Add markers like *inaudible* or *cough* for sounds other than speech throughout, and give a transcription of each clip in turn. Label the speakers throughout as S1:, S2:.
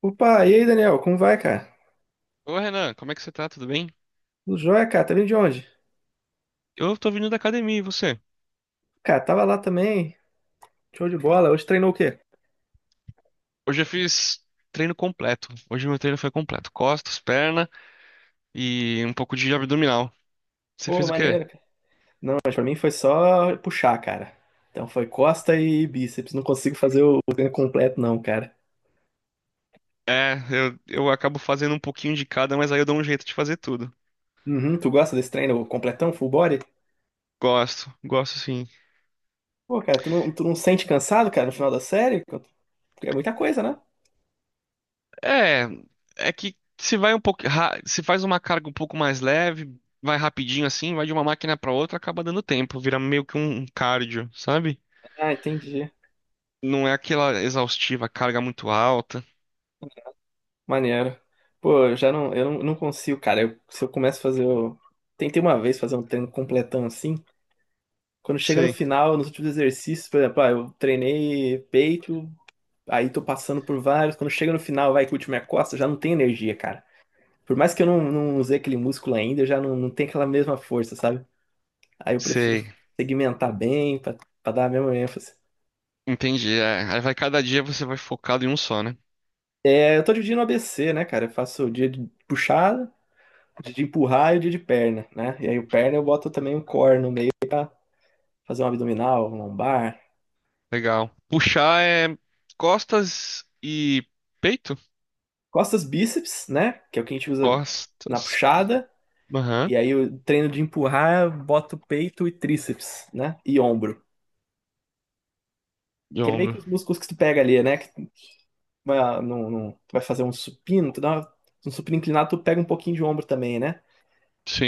S1: Opa, e aí, Daniel? Como vai, cara?
S2: Ô Renan, como é que você tá? Tudo bem?
S1: Tudo jóia, cara? Tá vindo de onde?
S2: Eu tô vindo da academia, e você?
S1: Cara, tava lá também. Show de bola. Hoje treinou o quê?
S2: Hoje eu fiz treino completo. Hoje meu treino foi completo. Costas, perna e um pouco de abdominal. Você
S1: Pô,
S2: fez o quê?
S1: maneiro, cara. Não, mas pra mim foi só puxar, cara. Então foi costa e bíceps. Não consigo fazer o treino completo, não, cara.
S2: É, eu acabo fazendo um pouquinho de cada, mas aí eu dou um jeito de fazer tudo.
S1: Uhum, tu gosta desse treino completão, full body?
S2: Gosto, gosto sim.
S1: Pô, cara, tu não sente cansado, cara, no final da série? Porque é muita coisa, né?
S2: É, é que se vai um pouco, se faz uma carga um pouco mais leve, vai rapidinho assim, vai de uma máquina pra outra, acaba dando tempo, vira meio que um cardio, sabe?
S1: Ah, entendi.
S2: Não é aquela exaustiva, carga muito alta.
S1: Maneiro. Pô, eu não consigo, cara. Se eu começo a fazer o... Tentei uma vez fazer um treino completão assim. Quando chega no
S2: Sei.
S1: final, nos últimos exercícios, por exemplo, ah, eu treinei peito, aí tô passando por vários. Quando chega no final, vai que o último é costa, eu já não tem energia, cara. Por mais que eu não usei aquele músculo ainda, eu já não tenho aquela mesma força, sabe? Aí eu prefiro
S2: Sei.
S1: segmentar bem pra dar a mesma ênfase.
S2: Entendi. É. Aí vai cada dia você vai focado em um só, né?
S1: É, eu tô dividindo o ABC, né, cara? Eu faço o dia de puxada, o dia de empurrar e o dia de perna, né? E aí o perna eu boto também um core no meio pra fazer um abdominal, um lombar.
S2: Legal. Puxar é costas e peito?
S1: Costas, bíceps, né? Que é o que a gente usa na
S2: Costas.
S1: puxada.
S2: Aham.
S1: E aí eu treino de empurrar, boto peito e tríceps, né? E ombro.
S2: E
S1: Que é meio que
S2: ombro.
S1: os músculos que tu pega ali, né? Que tu vai, ah, tu vai fazer um supino, um supino inclinado, tu pega um pouquinho de ombro também, né?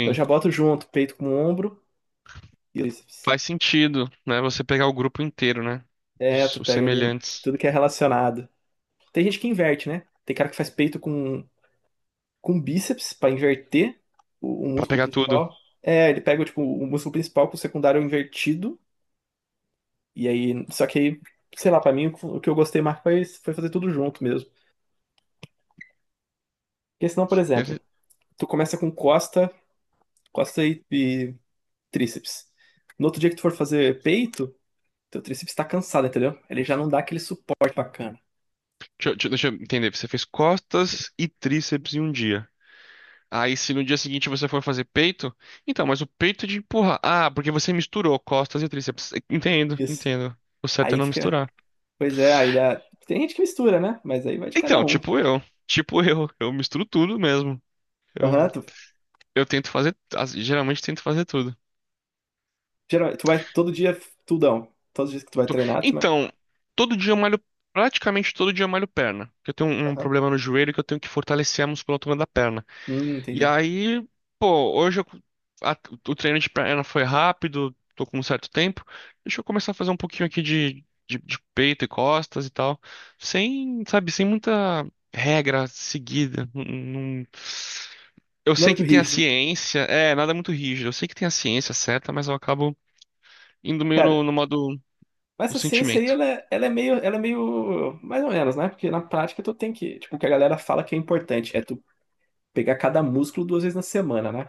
S1: Então eu já boto junto, peito com ombro e tríceps.
S2: Faz sentido, né? Você pegar o grupo inteiro, né?
S1: É, tu
S2: Os
S1: pega ali
S2: semelhantes.
S1: tudo que é relacionado. Tem gente que inverte, né? Tem cara que faz peito com bíceps pra inverter o
S2: Pra
S1: músculo
S2: pegar tudo.
S1: principal. É, ele pega, tipo, o músculo principal com o secundário invertido. E aí, só que aí, sei lá, pra mim o que eu gostei mais foi, foi fazer tudo junto mesmo. Porque senão, por
S2: Deve-
S1: exemplo, tu começa com costa, costa e tríceps. No outro dia que tu for fazer peito, teu tríceps tá cansado, entendeu? Ele já não dá aquele suporte bacana.
S2: Deixa eu entender. Você fez costas e tríceps em um dia. Aí, se no dia seguinte você for fazer peito, então, mas o peito é de empurrar. Ah, porque você misturou costas e tríceps. Entendo,
S1: Isso.
S2: entendo. O certo é
S1: Aí
S2: não
S1: fica,
S2: misturar.
S1: pois é, aí dá. Tem gente que mistura, né? Mas aí vai de cada
S2: Então,
S1: um.
S2: tipo eu. Tipo eu. Eu misturo tudo mesmo. Eu,
S1: Aham, tu,
S2: eu tento fazer. Geralmente tento fazer tudo.
S1: tu vai todo dia tudão. Todos os dias que tu vai
S2: Tu-
S1: treinar, tu vai.
S2: Então, todo dia eu malho. Praticamente todo dia eu malho perna. Porque eu tenho um
S1: Aham.
S2: problema no joelho que eu tenho que fortalecer a musculatura da perna. E
S1: Entendi.
S2: aí, pô, hoje eu- a- o treino de perna foi rápido. Tô com um certo tempo. Deixa eu começar a fazer um pouquinho aqui de peito e costas e tal. Sem, sabe, sem muita regra seguida. Não. Eu
S1: Não é
S2: sei
S1: muito
S2: que tem a
S1: rígido.
S2: ciência, é, nada muito rígido. Eu sei que tem a ciência certa, mas eu acabo indo meio
S1: Cara,
S2: no modo
S1: mas
S2: do
S1: essa ciência aí,
S2: sentimento.
S1: ela é meio, mais ou menos, né? Porque na prática tu tem que, tipo, o que a galera fala que é importante é tu pegar cada músculo 2 vezes na semana, né?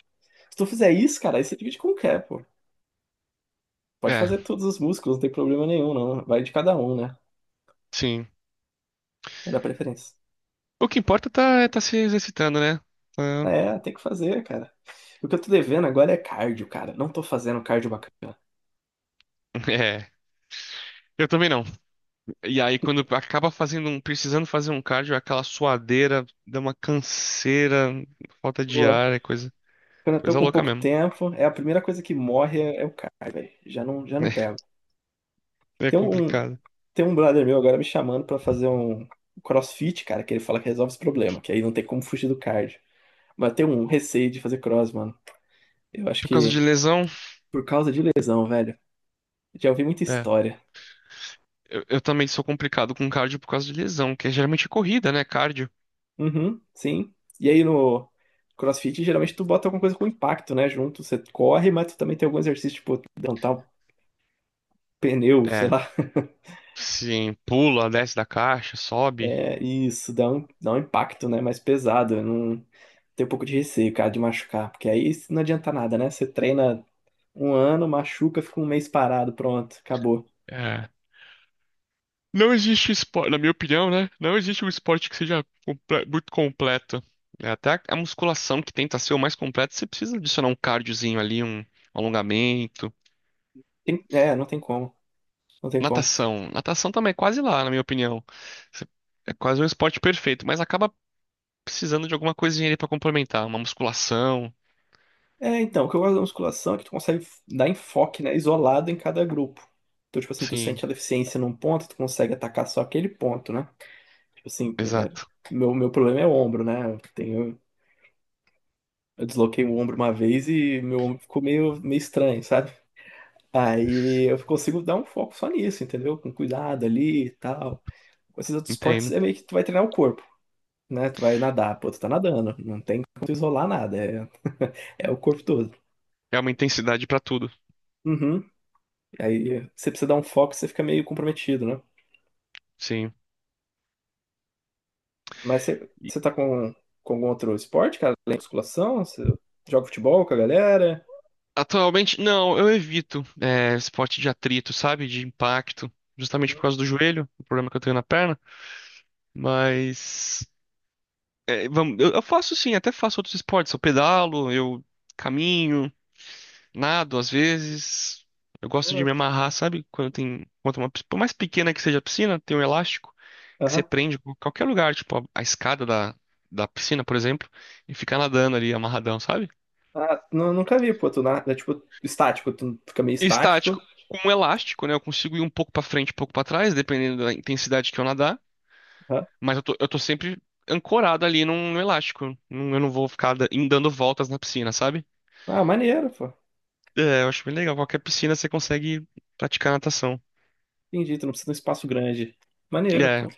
S1: Se tu fizer isso, cara, aí você divide com o quê, pô? Pode
S2: É,
S1: fazer todos os músculos, não tem problema nenhum, não. Vai de cada um, né?
S2: sim.
S1: Vai dar preferência.
S2: O que importa tá, é tá se exercitando, né? Tá-
S1: É, tem que fazer, cara. O que eu tô devendo agora é cardio, cara. Não tô fazendo cardio bacana.
S2: *laughs* É, eu também não. E aí, quando acaba fazendo um, precisando fazer um cardio, é aquela suadeira, dá uma canseira, falta de
S1: Boa.
S2: ar, é coisa,
S1: Quando eu tô
S2: coisa
S1: com
S2: louca
S1: pouco
S2: mesmo.
S1: tempo, é a primeira coisa que morre é, é o cardio, velho. Já não pego.
S2: *laughs* É, é
S1: Tem um,
S2: complicado.
S1: Tem um brother meu agora me chamando pra fazer um CrossFit, cara, que ele fala que resolve esse problema, que aí não tem como fugir do cardio. Mas eu tenho um receio de fazer cross, mano. Eu acho
S2: Por causa de
S1: que
S2: lesão,
S1: Por causa de lesão, velho. Já ouvi muita
S2: é.
S1: história.
S2: Eu também sou complicado com cardio por causa de lesão, que é geralmente corrida, né? Cardio.
S1: Uhum, sim. E aí no CrossFit, geralmente tu bota alguma coisa com impacto, né? Junto, você corre, mas tu também tem algum exercício, tipo, levantar um pneu, sei
S2: É,
S1: lá.
S2: sim, pula, desce da caixa, sobe.
S1: É, isso, dá um impacto, né? Mais pesado. Eu não tenho um pouco de receio, cara, de machucar. Porque aí não adianta nada, né? Você treina 1 ano, machuca, fica 1 mês parado, pronto, acabou.
S2: É. Não existe esporte, na minha opinião, né? Não existe um esporte que seja muito completo. É, até a musculação que tenta ser o mais completo, você precisa adicionar um cardiozinho ali, um alongamento.
S1: É, não tem como. Não tem como.
S2: Natação. Natação também é quase lá, na minha opinião. Você- É quase um esporte perfeito, mas acaba precisando de alguma coisinha ali pra complementar. Uma musculação.
S1: É, então, o que eu gosto da musculação é que tu consegue dar enfoque, né? Isolado em cada grupo. Então, tipo assim, tu
S2: Sim,
S1: sente a deficiência num ponto, tu consegue atacar só aquele ponto, né? Tipo assim,
S2: exato.
S1: meu problema é o ombro, né? Eu tenho, eu desloquei o ombro uma vez e meu ombro ficou meio estranho, sabe? Aí eu consigo dar um foco só nisso, entendeu? Com cuidado ali e tal. Com esses outros esportes
S2: Entendo.
S1: é meio que tu vai treinar o corpo. Né? Tu vai nadar, pô, tu tá nadando, não tem como tu isolar nada, é, *laughs* é o corpo todo.
S2: É uma intensidade pra tudo.
S1: Uhum. Aí você precisa dar um foco, você fica meio comprometido, né?
S2: Sim.
S1: Mas você, com algum outro esporte, cara? Além da musculação? Você joga futebol com a galera?
S2: Atualmente, não, eu evito é, esporte de atrito, sabe? De impacto, justamente por
S1: Hum,
S2: causa do joelho, o problema que eu tenho na perna. Mas é, vamos, eu faço sim, até faço outros esportes. Eu pedalo, eu caminho, nado às vezes. Eu gosto de
S1: ué.
S2: me amarrar, sabe? Quando tem uma, por mais pequena que seja a piscina, tem um elástico que você
S1: Aham.
S2: prende em qualquer lugar, tipo a escada da piscina, por exemplo, e fica nadando ali amarradão, sabe?
S1: Ah, nunca vi, pô, tu nada, é tipo estático, tu fica meio estático.
S2: Estático com um elástico, né? Eu consigo ir um pouco pra frente, um pouco pra trás, dependendo da intensidade que eu nadar.
S1: Aham.
S2: Mas eu tô sempre ancorado ali num elástico. Não- Eu não vou ficar indo dando voltas na piscina, sabe?
S1: Ah, maneiro, pô.
S2: É, eu acho bem legal. Qualquer piscina você consegue praticar natação.
S1: Entendi, tu não precisa de um espaço grande. Maneiro, pô.
S2: É,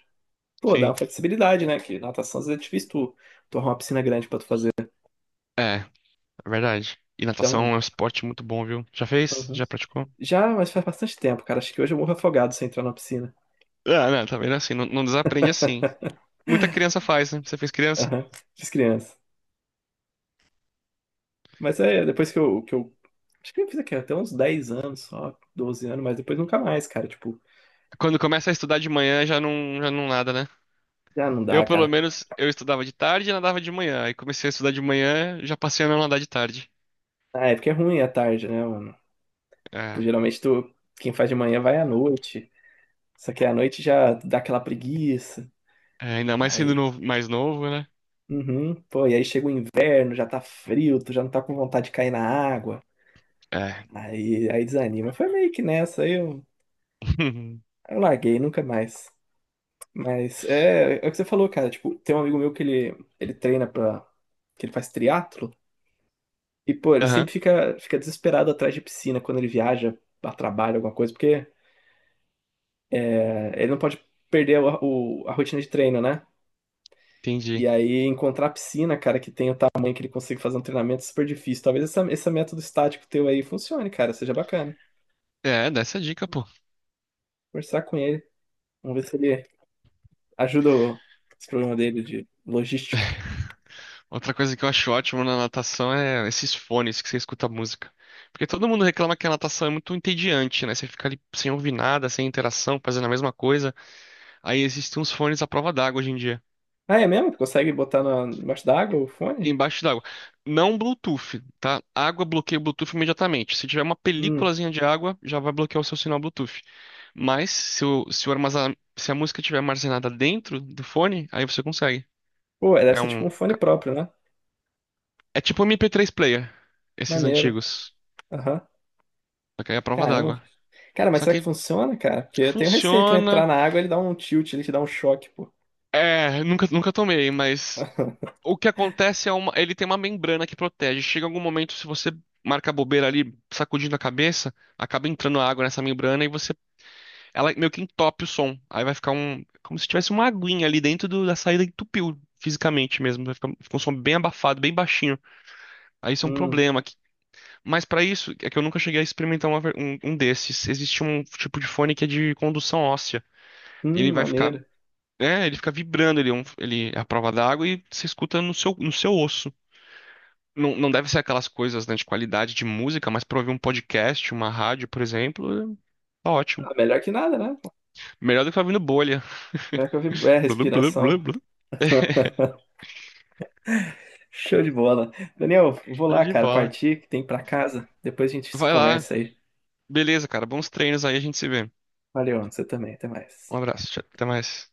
S1: Pô, dá
S2: sim.
S1: uma flexibilidade, né? Que natação às vezes é difícil tu arrumar uma piscina grande pra tu fazer. Né?
S2: É, é verdade. E natação
S1: Então,
S2: é um esporte muito bom, viu? Já fez?
S1: uhum.
S2: Já praticou?
S1: Já, mas faz bastante tempo, cara. Acho que hoje eu morro afogado se eu entrar na piscina.
S2: Ah, não, tá vendo assim? Não, não desaprende assim. Muita criança faz, né? Você fez criança?
S1: Aham, fiz criança. Mas é, depois que eu. Acho que eu fiz aqui até uns 10 anos, só 12 anos, mas depois nunca mais, cara. Tipo,
S2: Quando começa a estudar de manhã já não nada, né?
S1: já não dá,
S2: Eu, pelo
S1: cara.
S2: menos, eu estudava de tarde e nadava de manhã. Aí comecei a estudar de manhã, já passei a não nadar de tarde.
S1: Ah, é porque é ruim à tarde, né, mano? Tipo,
S2: É,
S1: geralmente tu, quem faz de manhã vai à noite. Só que à noite já dá aquela preguiça.
S2: é, ainda mais sendo
S1: Aí,
S2: mais novo, né?
S1: uhum, pô, e aí chega o inverno, já tá frio, tu já não tá com vontade de cair na água.
S2: É.
S1: Aí desanima. Foi meio que nessa,
S2: *laughs*
S1: eu larguei, nunca mais. Mas é, é o que você falou, cara. Tipo, tem um amigo meu ele treina pra. Que ele faz triatlo e, pô,
S2: Aham,
S1: fica desesperado atrás de piscina quando ele viaja a trabalho, alguma coisa, porque é, ele não pode perder a rotina de treino, né? E
S2: entendi.
S1: aí encontrar a piscina, cara, que tem o tamanho que ele consiga fazer um treinamento é super difícil. Talvez esse método estático teu aí funcione, cara, seja bacana.
S2: É, dá essa dica, pô.
S1: Conversar com ele, vamos ver se ele ajuda esse problema dele de logístico.
S2: Outra coisa que eu acho ótimo na natação é esses fones que você escuta música. Porque todo mundo reclama que a natação é muito entediante, né? Você fica ali sem ouvir nada, sem interação, fazendo a mesma coisa. Aí existem uns fones à prova d'água hoje em dia.
S1: Ah, é mesmo? Consegue botar na, embaixo d'água o fone?
S2: Embaixo d'água. Não Bluetooth, tá? Água bloqueia o Bluetooth imediatamente. Se tiver uma
S1: Hum.
S2: películazinha de água, já vai bloquear o seu sinal Bluetooth. Mas se o se a música estiver armazenada dentro do fone, aí você consegue.
S1: Pô, deve
S2: É
S1: ser tipo
S2: um,
S1: um fone próprio, né?
S2: é tipo um MP3 player, esses
S1: Maneiro.
S2: antigos.
S1: Aham.
S2: Só que aí é a prova
S1: Caramba.
S2: d'água.
S1: Cara, mas
S2: Só
S1: será que
S2: que
S1: funciona, cara? Porque eu tenho receio, tu entrar
S2: funciona.
S1: na água, ele dá um tilt, ele te dá um choque, pô.
S2: É, nunca tomei, mas
S1: *laughs*
S2: o que acontece é uma, ele tem uma membrana que protege. Chega algum momento, se você marca a bobeira ali, sacudindo a cabeça, acaba entrando água nessa membrana e você ela meio que entope o som. Aí vai ficar um, como se tivesse uma aguinha ali dentro da saída, entupiu fisicamente mesmo. Vai ficar, um, fica um som bem abafado, bem baixinho. Aí isso é um
S1: Hum,
S2: problema. Que- Mas pra isso, é que eu nunca cheguei a experimentar uma um, um desses. Existe um tipo de fone que é de condução óssea. Ele vai ficar,
S1: maneiro.
S2: é, ele fica vibrando, ele é, ele é a prova d'água e você escuta no seu, no seu osso. Não, não deve ser aquelas coisas, né, de qualidade de música, mas pra ouvir um podcast, uma rádio, por exemplo, é, tá ótimo.
S1: Ah, melhor que nada, né?
S2: Melhor do que ficar ouvindo bolha.
S1: Melhor que eu vi é, respiração.
S2: *laughs*
S1: *laughs* Show de bola. Daniel, vou
S2: Show
S1: lá,
S2: de
S1: cara,
S2: bola.
S1: partir, que tem pra casa. Depois a gente se
S2: Vai lá.
S1: conversa aí.
S2: Beleza, cara. Bons treinos aí, a gente se vê.
S1: Valeu, você também, até mais.
S2: Um abraço. Tchau, até mais.